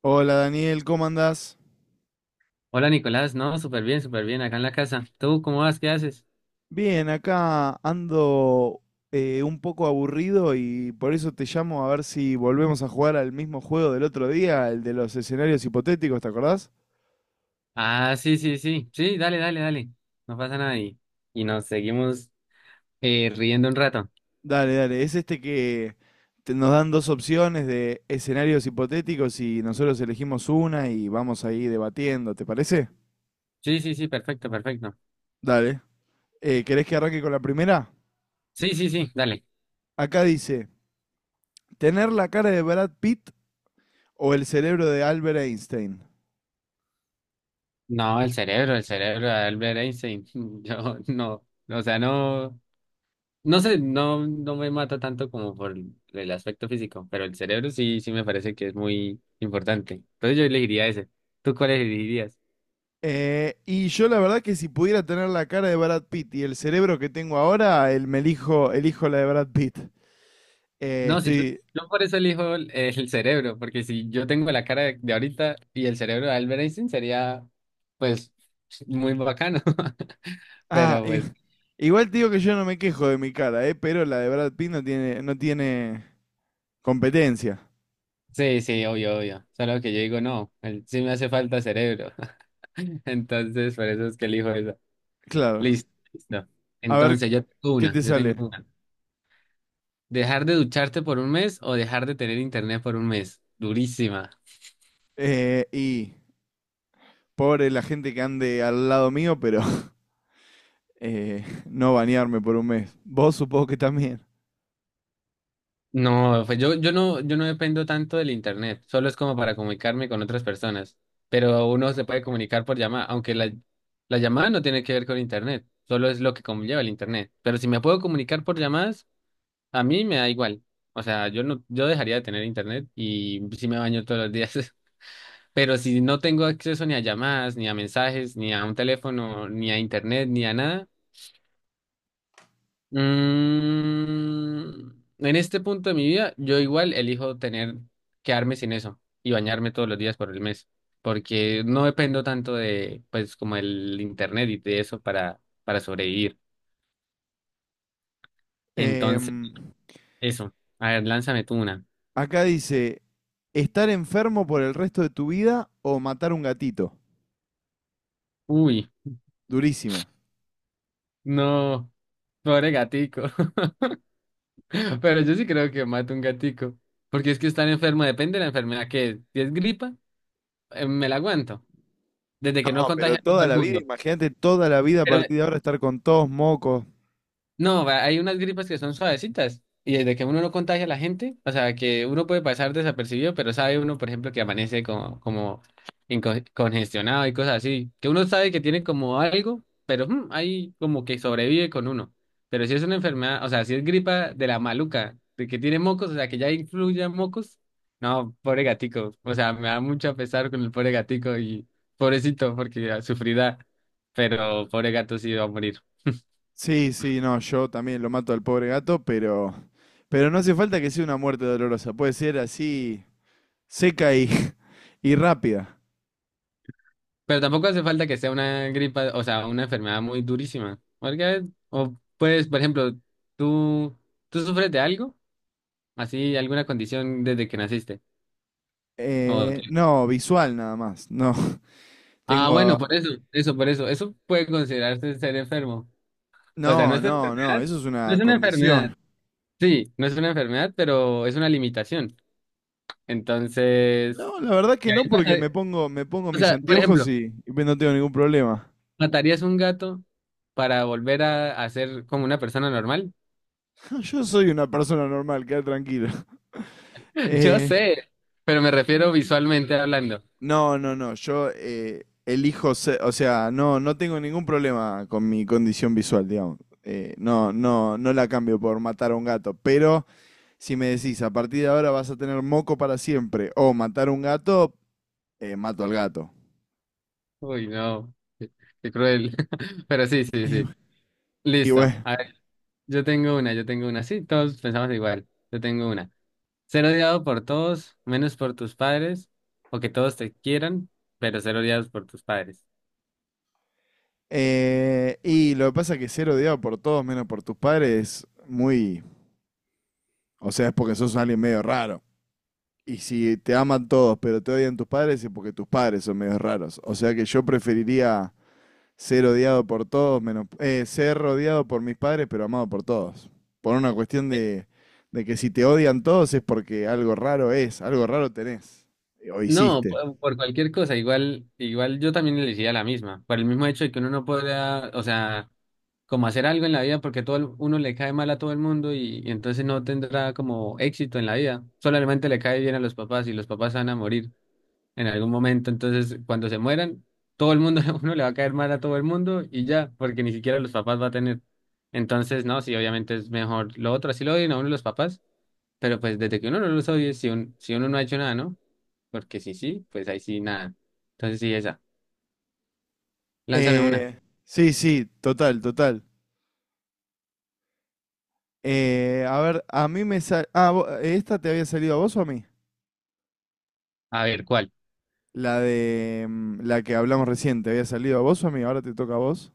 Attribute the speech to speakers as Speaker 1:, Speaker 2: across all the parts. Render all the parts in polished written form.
Speaker 1: Hola Daniel, ¿cómo andás?
Speaker 2: Hola Nicolás, no, súper bien, acá en la casa. ¿Tú cómo vas? ¿Qué haces?
Speaker 1: Bien, acá ando un poco aburrido y por eso te llamo a ver si volvemos a jugar al mismo juego del otro día, el de los escenarios hipotéticos, ¿te acordás?
Speaker 2: Ah, sí, sí, sí, sí, dale, dale, dale. No pasa nada y nos seguimos riendo un rato.
Speaker 1: Dale, dale, es este que nos dan dos opciones de escenarios hipotéticos y nosotros elegimos una y vamos ahí debatiendo, ¿te parece?
Speaker 2: Sí, sí, sí, perfecto, perfecto.
Speaker 1: Dale. ¿Querés que arranque con la primera?
Speaker 2: Sí, sí, sí, dale.
Speaker 1: Acá dice, ¿tener la cara de Brad Pitt o el cerebro de Albert Einstein?
Speaker 2: No, el cerebro de Albert Einstein. Yo no, o sea, no, no sé, no, no me mata tanto como por el aspecto físico, pero el cerebro sí, sí me parece que es muy importante. Entonces yo elegiría ese. ¿Tú cuál elegirías?
Speaker 1: Y yo la verdad que si pudiera tener la cara de Brad Pitt y el cerebro que tengo ahora, me elijo, elijo la de Brad Pitt. Eh,
Speaker 2: No, si yo,
Speaker 1: estoy...
Speaker 2: yo por eso elijo el cerebro, porque si yo tengo la cara de ahorita y el cerebro de Albert Einstein sería, pues, muy bacano.
Speaker 1: Ah,
Speaker 2: Pero
Speaker 1: i-
Speaker 2: pues,
Speaker 1: Igual te digo que yo no me quejo de mi cara, pero la de Brad Pitt no tiene, no tiene competencia.
Speaker 2: sí, sí, obvio, obvio. Solo que yo digo, no, sí me hace falta cerebro. Entonces, por eso es que elijo eso.
Speaker 1: Claro.
Speaker 2: Listo, listo.
Speaker 1: A ver,
Speaker 2: Entonces,
Speaker 1: ¿qué te
Speaker 2: yo
Speaker 1: sale?
Speaker 2: tengo una. ¿Dejar de ducharte por un mes o dejar de tener internet por un mes? Durísima.
Speaker 1: Y pobre la gente que ande al lado mío, pero no bañarme por un mes. Vos supongo que también.
Speaker 2: No, pues yo no, yo no dependo tanto del internet, solo es como para comunicarme con otras personas, pero uno se puede comunicar por llamada, aunque la llamada no tiene que ver con internet, solo es lo que conlleva el internet, pero si me puedo comunicar por llamadas, a mí me da igual, o sea, yo no, yo dejaría de tener internet y sí me baño todos los días, pero si no tengo acceso ni a llamadas, ni a mensajes, ni a un teléfono, ni a internet, ni a nada. Mm, en este punto de mi vida, yo igual elijo quedarme sin eso y bañarme todos los días por el mes, porque no dependo tanto de, pues, como el internet y de eso para sobrevivir. Entonces,
Speaker 1: Em,
Speaker 2: eso. A ver, lánzame tú una.
Speaker 1: Acá dice, estar enfermo por el resto de tu vida o matar un gatito.
Speaker 2: Uy,
Speaker 1: Durísima.
Speaker 2: no, pobre gatico. Pero yo sí creo que mato un gatico, porque es que estar enfermo depende de la enfermedad que es. Si es gripa, me la aguanto, desde que no
Speaker 1: No, pero
Speaker 2: contagie a todo
Speaker 1: toda
Speaker 2: el
Speaker 1: la vida,
Speaker 2: mundo.
Speaker 1: imagínate toda la vida a
Speaker 2: pero
Speaker 1: partir de ahora estar con todos mocos.
Speaker 2: No, hay unas gripas que son suavecitas y desde que uno no contagia a la gente, o sea, que uno puede pasar desapercibido, pero sabe uno, por ejemplo, que amanece como congestionado y cosas así, que uno sabe que tiene como algo, pero ahí como que sobrevive con uno. Pero si es una enfermedad, o sea, si es gripa de la maluca, de que tiene mocos, o sea, que ya influye mocos, no, pobre gatico, o sea, me da mucho pesar con el pobre gatico y pobrecito porque sufrirá, pero pobre gato sí va a morir.
Speaker 1: Sí, sí, no, yo también lo mato al pobre gato, pero no hace falta que sea una muerte dolorosa. Puede ser así seca y, y rápida.
Speaker 2: Pero tampoco hace falta que sea una gripa, o sea, una enfermedad muy durísima. Porque, o pues, por ejemplo, ¿tú, ¿tú sufres de algo? Así, alguna condición desde que naciste. O-
Speaker 1: No, visual nada más. No,
Speaker 2: ah, bueno,
Speaker 1: tengo...
Speaker 2: por eso. Eso puede considerarse ser enfermo. O sea, no
Speaker 1: No,
Speaker 2: es
Speaker 1: no, no,
Speaker 2: enfermedad,
Speaker 1: eso es
Speaker 2: no es
Speaker 1: una
Speaker 2: una enfermedad.
Speaker 1: condición.
Speaker 2: Sí, no es una enfermedad, pero es una limitación. Entonces,
Speaker 1: No, la verdad que
Speaker 2: y
Speaker 1: no,
Speaker 2: ahí
Speaker 1: porque
Speaker 2: pasa-
Speaker 1: me pongo
Speaker 2: o
Speaker 1: mis
Speaker 2: sea, por
Speaker 1: anteojos
Speaker 2: ejemplo,
Speaker 1: y pues no tengo ningún problema.
Speaker 2: ¿matarías un gato para volver a ser como una persona normal?
Speaker 1: Yo soy una persona normal, queda tranquilo.
Speaker 2: Yo
Speaker 1: Eh,
Speaker 2: sé, pero me refiero visualmente hablando.
Speaker 1: no, no, no, yo elijo, o sea, no, no tengo ningún problema con mi condición visual, digamos. No, no, no la cambio por matar a un gato, pero si me decís, a partir de ahora vas a tener moco para siempre, o matar a un gato, mato al gato.
Speaker 2: Uy, no, qué, qué cruel. Pero sí, sí,
Speaker 1: Y,
Speaker 2: sí.
Speaker 1: bu- y
Speaker 2: Listo.
Speaker 1: bueno,
Speaker 2: A ver, yo tengo una. Sí, todos pensamos igual. Yo tengo una. Ser odiado por todos, menos por tus padres, o que todos te quieran, pero ser odiados por tus padres.
Speaker 1: y lo que pasa es que ser odiado por todos menos por tus padres es muy... O sea, es porque sos alguien medio raro. Y si te aman todos, pero te odian tus padres, es porque tus padres son medio raros. O sea que yo preferiría ser odiado por todos, menos ser rodeado por mis padres, pero amado por todos. Por una cuestión
Speaker 2: Eh,
Speaker 1: de que si te odian todos es porque algo raro es, algo raro tenés o
Speaker 2: No,
Speaker 1: hiciste.
Speaker 2: por cualquier cosa, igual, igual yo también elegiría la misma, por el mismo hecho de que uno no pueda, o sea, como hacer algo en la vida porque uno le cae mal a todo el mundo y entonces no tendrá como éxito en la vida. Solamente le cae bien a los papás y los papás se van a morir en algún momento. Entonces, cuando se mueran, todo el mundo, uno le va a caer mal a todo el mundo y ya, porque ni siquiera los papás va a tener. Entonces, no, sí, obviamente es mejor lo otro, así lo odian a uno los papás, pero pues desde que uno no los odie, si uno no ha hecho nada, ¿no? Porque si sí, pues ahí sí nada. Entonces, sí, esa. Lánzame una.
Speaker 1: Eh, sí, sí, total, total. A ver, a mí me sal... ¿Esta te había salido a vos o a mí?
Speaker 2: A ver, ¿cuál?
Speaker 1: La de la que hablamos recién, ¿te había salido a vos o a mí? Ahora te toca a vos.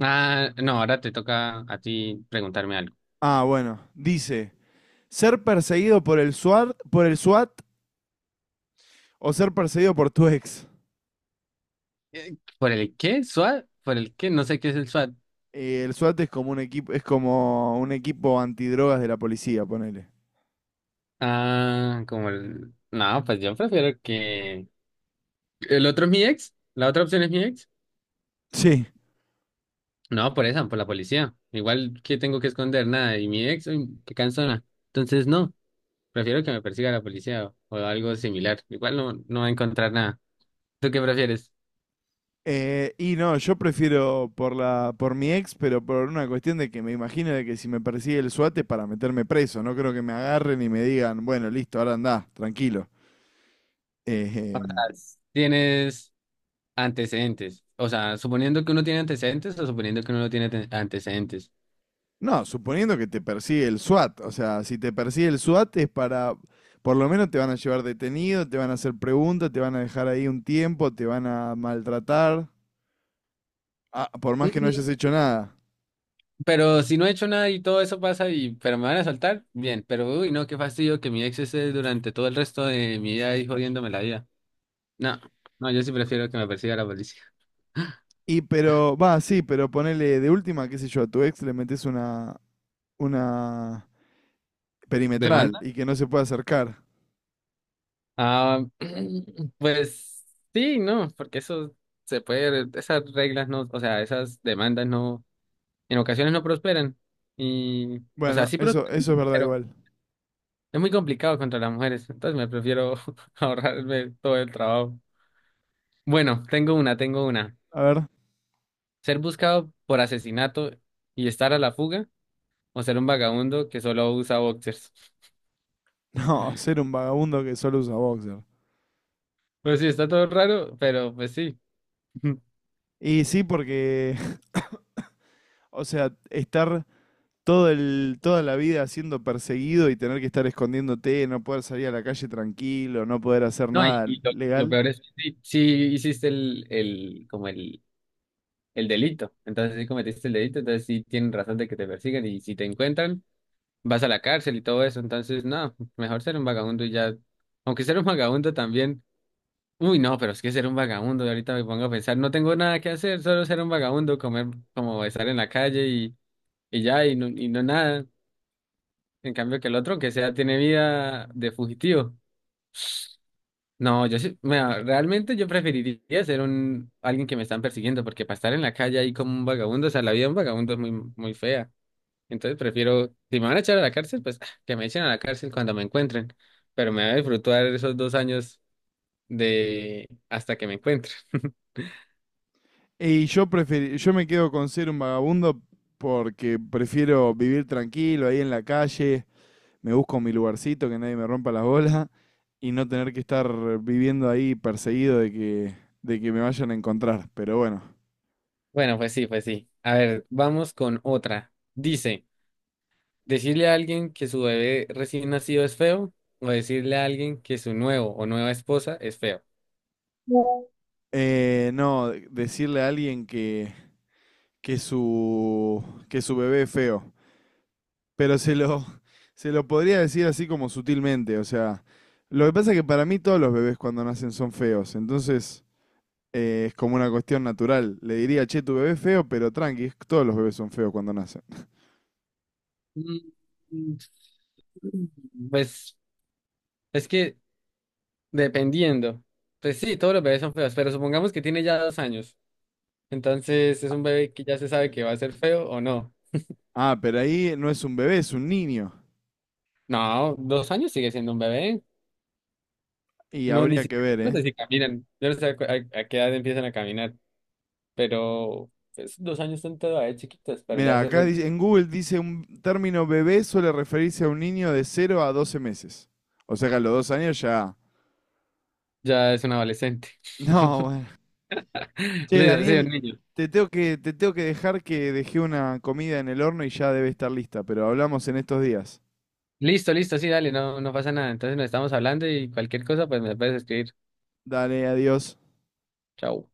Speaker 2: Ah, no, ahora te toca a ti preguntarme algo.
Speaker 1: Ah, bueno. Dice, ser perseguido por el SWAT o ser perseguido por tu ex.
Speaker 2: ¿Por el qué? ¿SWAT? ¿Por el qué? No sé qué es el SWAT.
Speaker 1: El SWAT es como un equipo, es como un equipo antidrogas de la policía, ponele.
Speaker 2: Ah, como el... No, pues yo prefiero que... ¿El otro es mi ex? ¿La otra opción es mi ex?
Speaker 1: Sí.
Speaker 2: No, por esa, por la policía. Igual que tengo que esconder nada. Y mi ex, uy, qué cansona. Entonces, no, prefiero que me persiga la policía o algo similar. Igual no, no va a encontrar nada. ¿Tú qué prefieres?
Speaker 1: Y no, yo prefiero por la, por mi ex, pero por una cuestión de que me imagino de que si me persigue el SWAT es para meterme preso. No creo que me agarren y me digan, bueno, listo, ahora andá, tranquilo. Eh, em,
Speaker 2: ¿Tienes antecedentes? O sea, suponiendo que uno tiene antecedentes o suponiendo que uno no tiene antecedentes.
Speaker 1: No, suponiendo que te persigue el SWAT, o sea, si te persigue el SWAT es para, por lo menos te van a llevar detenido, te van a hacer preguntas, te van a dejar ahí un tiempo, te van a maltratar, por más que no hayas hecho nada.
Speaker 2: Pero si no he hecho nada y todo eso pasa y pero me van a soltar, bien, pero uy, no, qué fastidio que mi ex esté durante todo el resto de mi vida ahí jodiéndome la vida. No, no, yo sí prefiero que me persiga la policía.
Speaker 1: Y pero, va, sí, pero ponele de última, qué sé yo, a tu ex le metes una perimetral
Speaker 2: ¿Demanda?
Speaker 1: y que no se pueda acercar.
Speaker 2: Ah, pues sí, no, porque eso se puede, esas reglas no, o sea, esas demandas no, en ocasiones no prosperan. Y, o sea,
Speaker 1: Bueno,
Speaker 2: sí prosperan,
Speaker 1: eso es verdad
Speaker 2: pero
Speaker 1: igual.
Speaker 2: es muy complicado contra las mujeres, entonces me prefiero ahorrarme todo el trabajo. Bueno, tengo una, tengo una.
Speaker 1: A ver,
Speaker 2: Ser buscado por asesinato y estar a la fuga, o ser un vagabundo que solo usa boxers.
Speaker 1: no, ser un vagabundo que solo usa boxer.
Speaker 2: Pues sí, está todo raro, pero pues sí.
Speaker 1: Y sí, porque, o sea, estar todo el, toda la vida siendo perseguido y tener que estar escondiéndote, no poder salir a la calle tranquilo, no poder hacer
Speaker 2: No, y,
Speaker 1: nada
Speaker 2: y lo
Speaker 1: legal.
Speaker 2: peor es que sí, sí hiciste el delito. Entonces sí cometiste el delito, entonces sí tienen razón de que te persigan y si te encuentran, vas a la cárcel y todo eso. Entonces, no, mejor ser un vagabundo y ya. Aunque ser un vagabundo también. Uy, no, pero es que ser un vagabundo, ahorita me pongo a pensar, no tengo nada que hacer, solo ser un vagabundo, comer como estar en la calle y ya, y no nada. En cambio que el otro, que sea, tiene vida de fugitivo. No, yo sí, mira, realmente yo preferiría ser un alguien que me están persiguiendo, porque para estar en la calle ahí como un vagabundo, o sea, la vida de un vagabundo es muy, muy fea. Entonces prefiero, si me van a echar a la cárcel, pues ah, que me echen a la cárcel cuando me encuentren. Pero me voy a disfrutar esos 2 años de hasta que me encuentren.
Speaker 1: Y yo me quedo con ser un vagabundo porque prefiero vivir tranquilo ahí en la calle, me busco mi lugarcito, que nadie me rompa las bolas y no tener que estar viviendo ahí perseguido de que me vayan a encontrar. Pero bueno,
Speaker 2: Bueno, pues sí, pues sí. A ver, vamos con otra. Dice. Decirle a alguien que su bebé recién nacido es feo o decirle a alguien que su nuevo o nueva esposa es feo.
Speaker 1: no, decirle a alguien que su, que su bebé es feo. Pero se lo, se lo podría decir así como sutilmente, o sea, lo que pasa es que para mí todos los bebés cuando nacen son feos, entonces es como una cuestión natural. Le diría, che, tu bebé es feo, pero tranqui, todos los bebés son feos cuando nacen.
Speaker 2: Mm, Pues es que dependiendo, pues sí, todos los bebés son feos, pero supongamos que tiene ya 2 años, entonces es un bebé que ya se sabe que va a ser feo o no.
Speaker 1: Ah, pero ahí no es un bebé, es un niño.
Speaker 2: No, 2 años sigue siendo un bebé.
Speaker 1: Y
Speaker 2: No, ni
Speaker 1: habría que
Speaker 2: siquiera,
Speaker 1: ver,
Speaker 2: no
Speaker 1: ¿eh?
Speaker 2: sé si caminan, yo no sé a qué edad empiezan a caminar, pero pues, 2 años son todavía chiquitos, pero
Speaker 1: Mira, acá dice, en Google dice un término bebé suele referirse a un niño de 0 a 12 meses. O sea que a los 2 años ya...
Speaker 2: ya es un adolescente.
Speaker 1: No, bueno. Che,
Speaker 2: Listo, sí, un
Speaker 1: Daniel,
Speaker 2: niño.
Speaker 1: te tengo que dejar que dejé una comida en el horno y ya debe estar lista, pero hablamos en estos días.
Speaker 2: Listo, listo, sí, dale, no, no pasa nada. Entonces nos estamos hablando y cualquier cosa, pues me puedes escribir.
Speaker 1: Dale, adiós.
Speaker 2: Chao.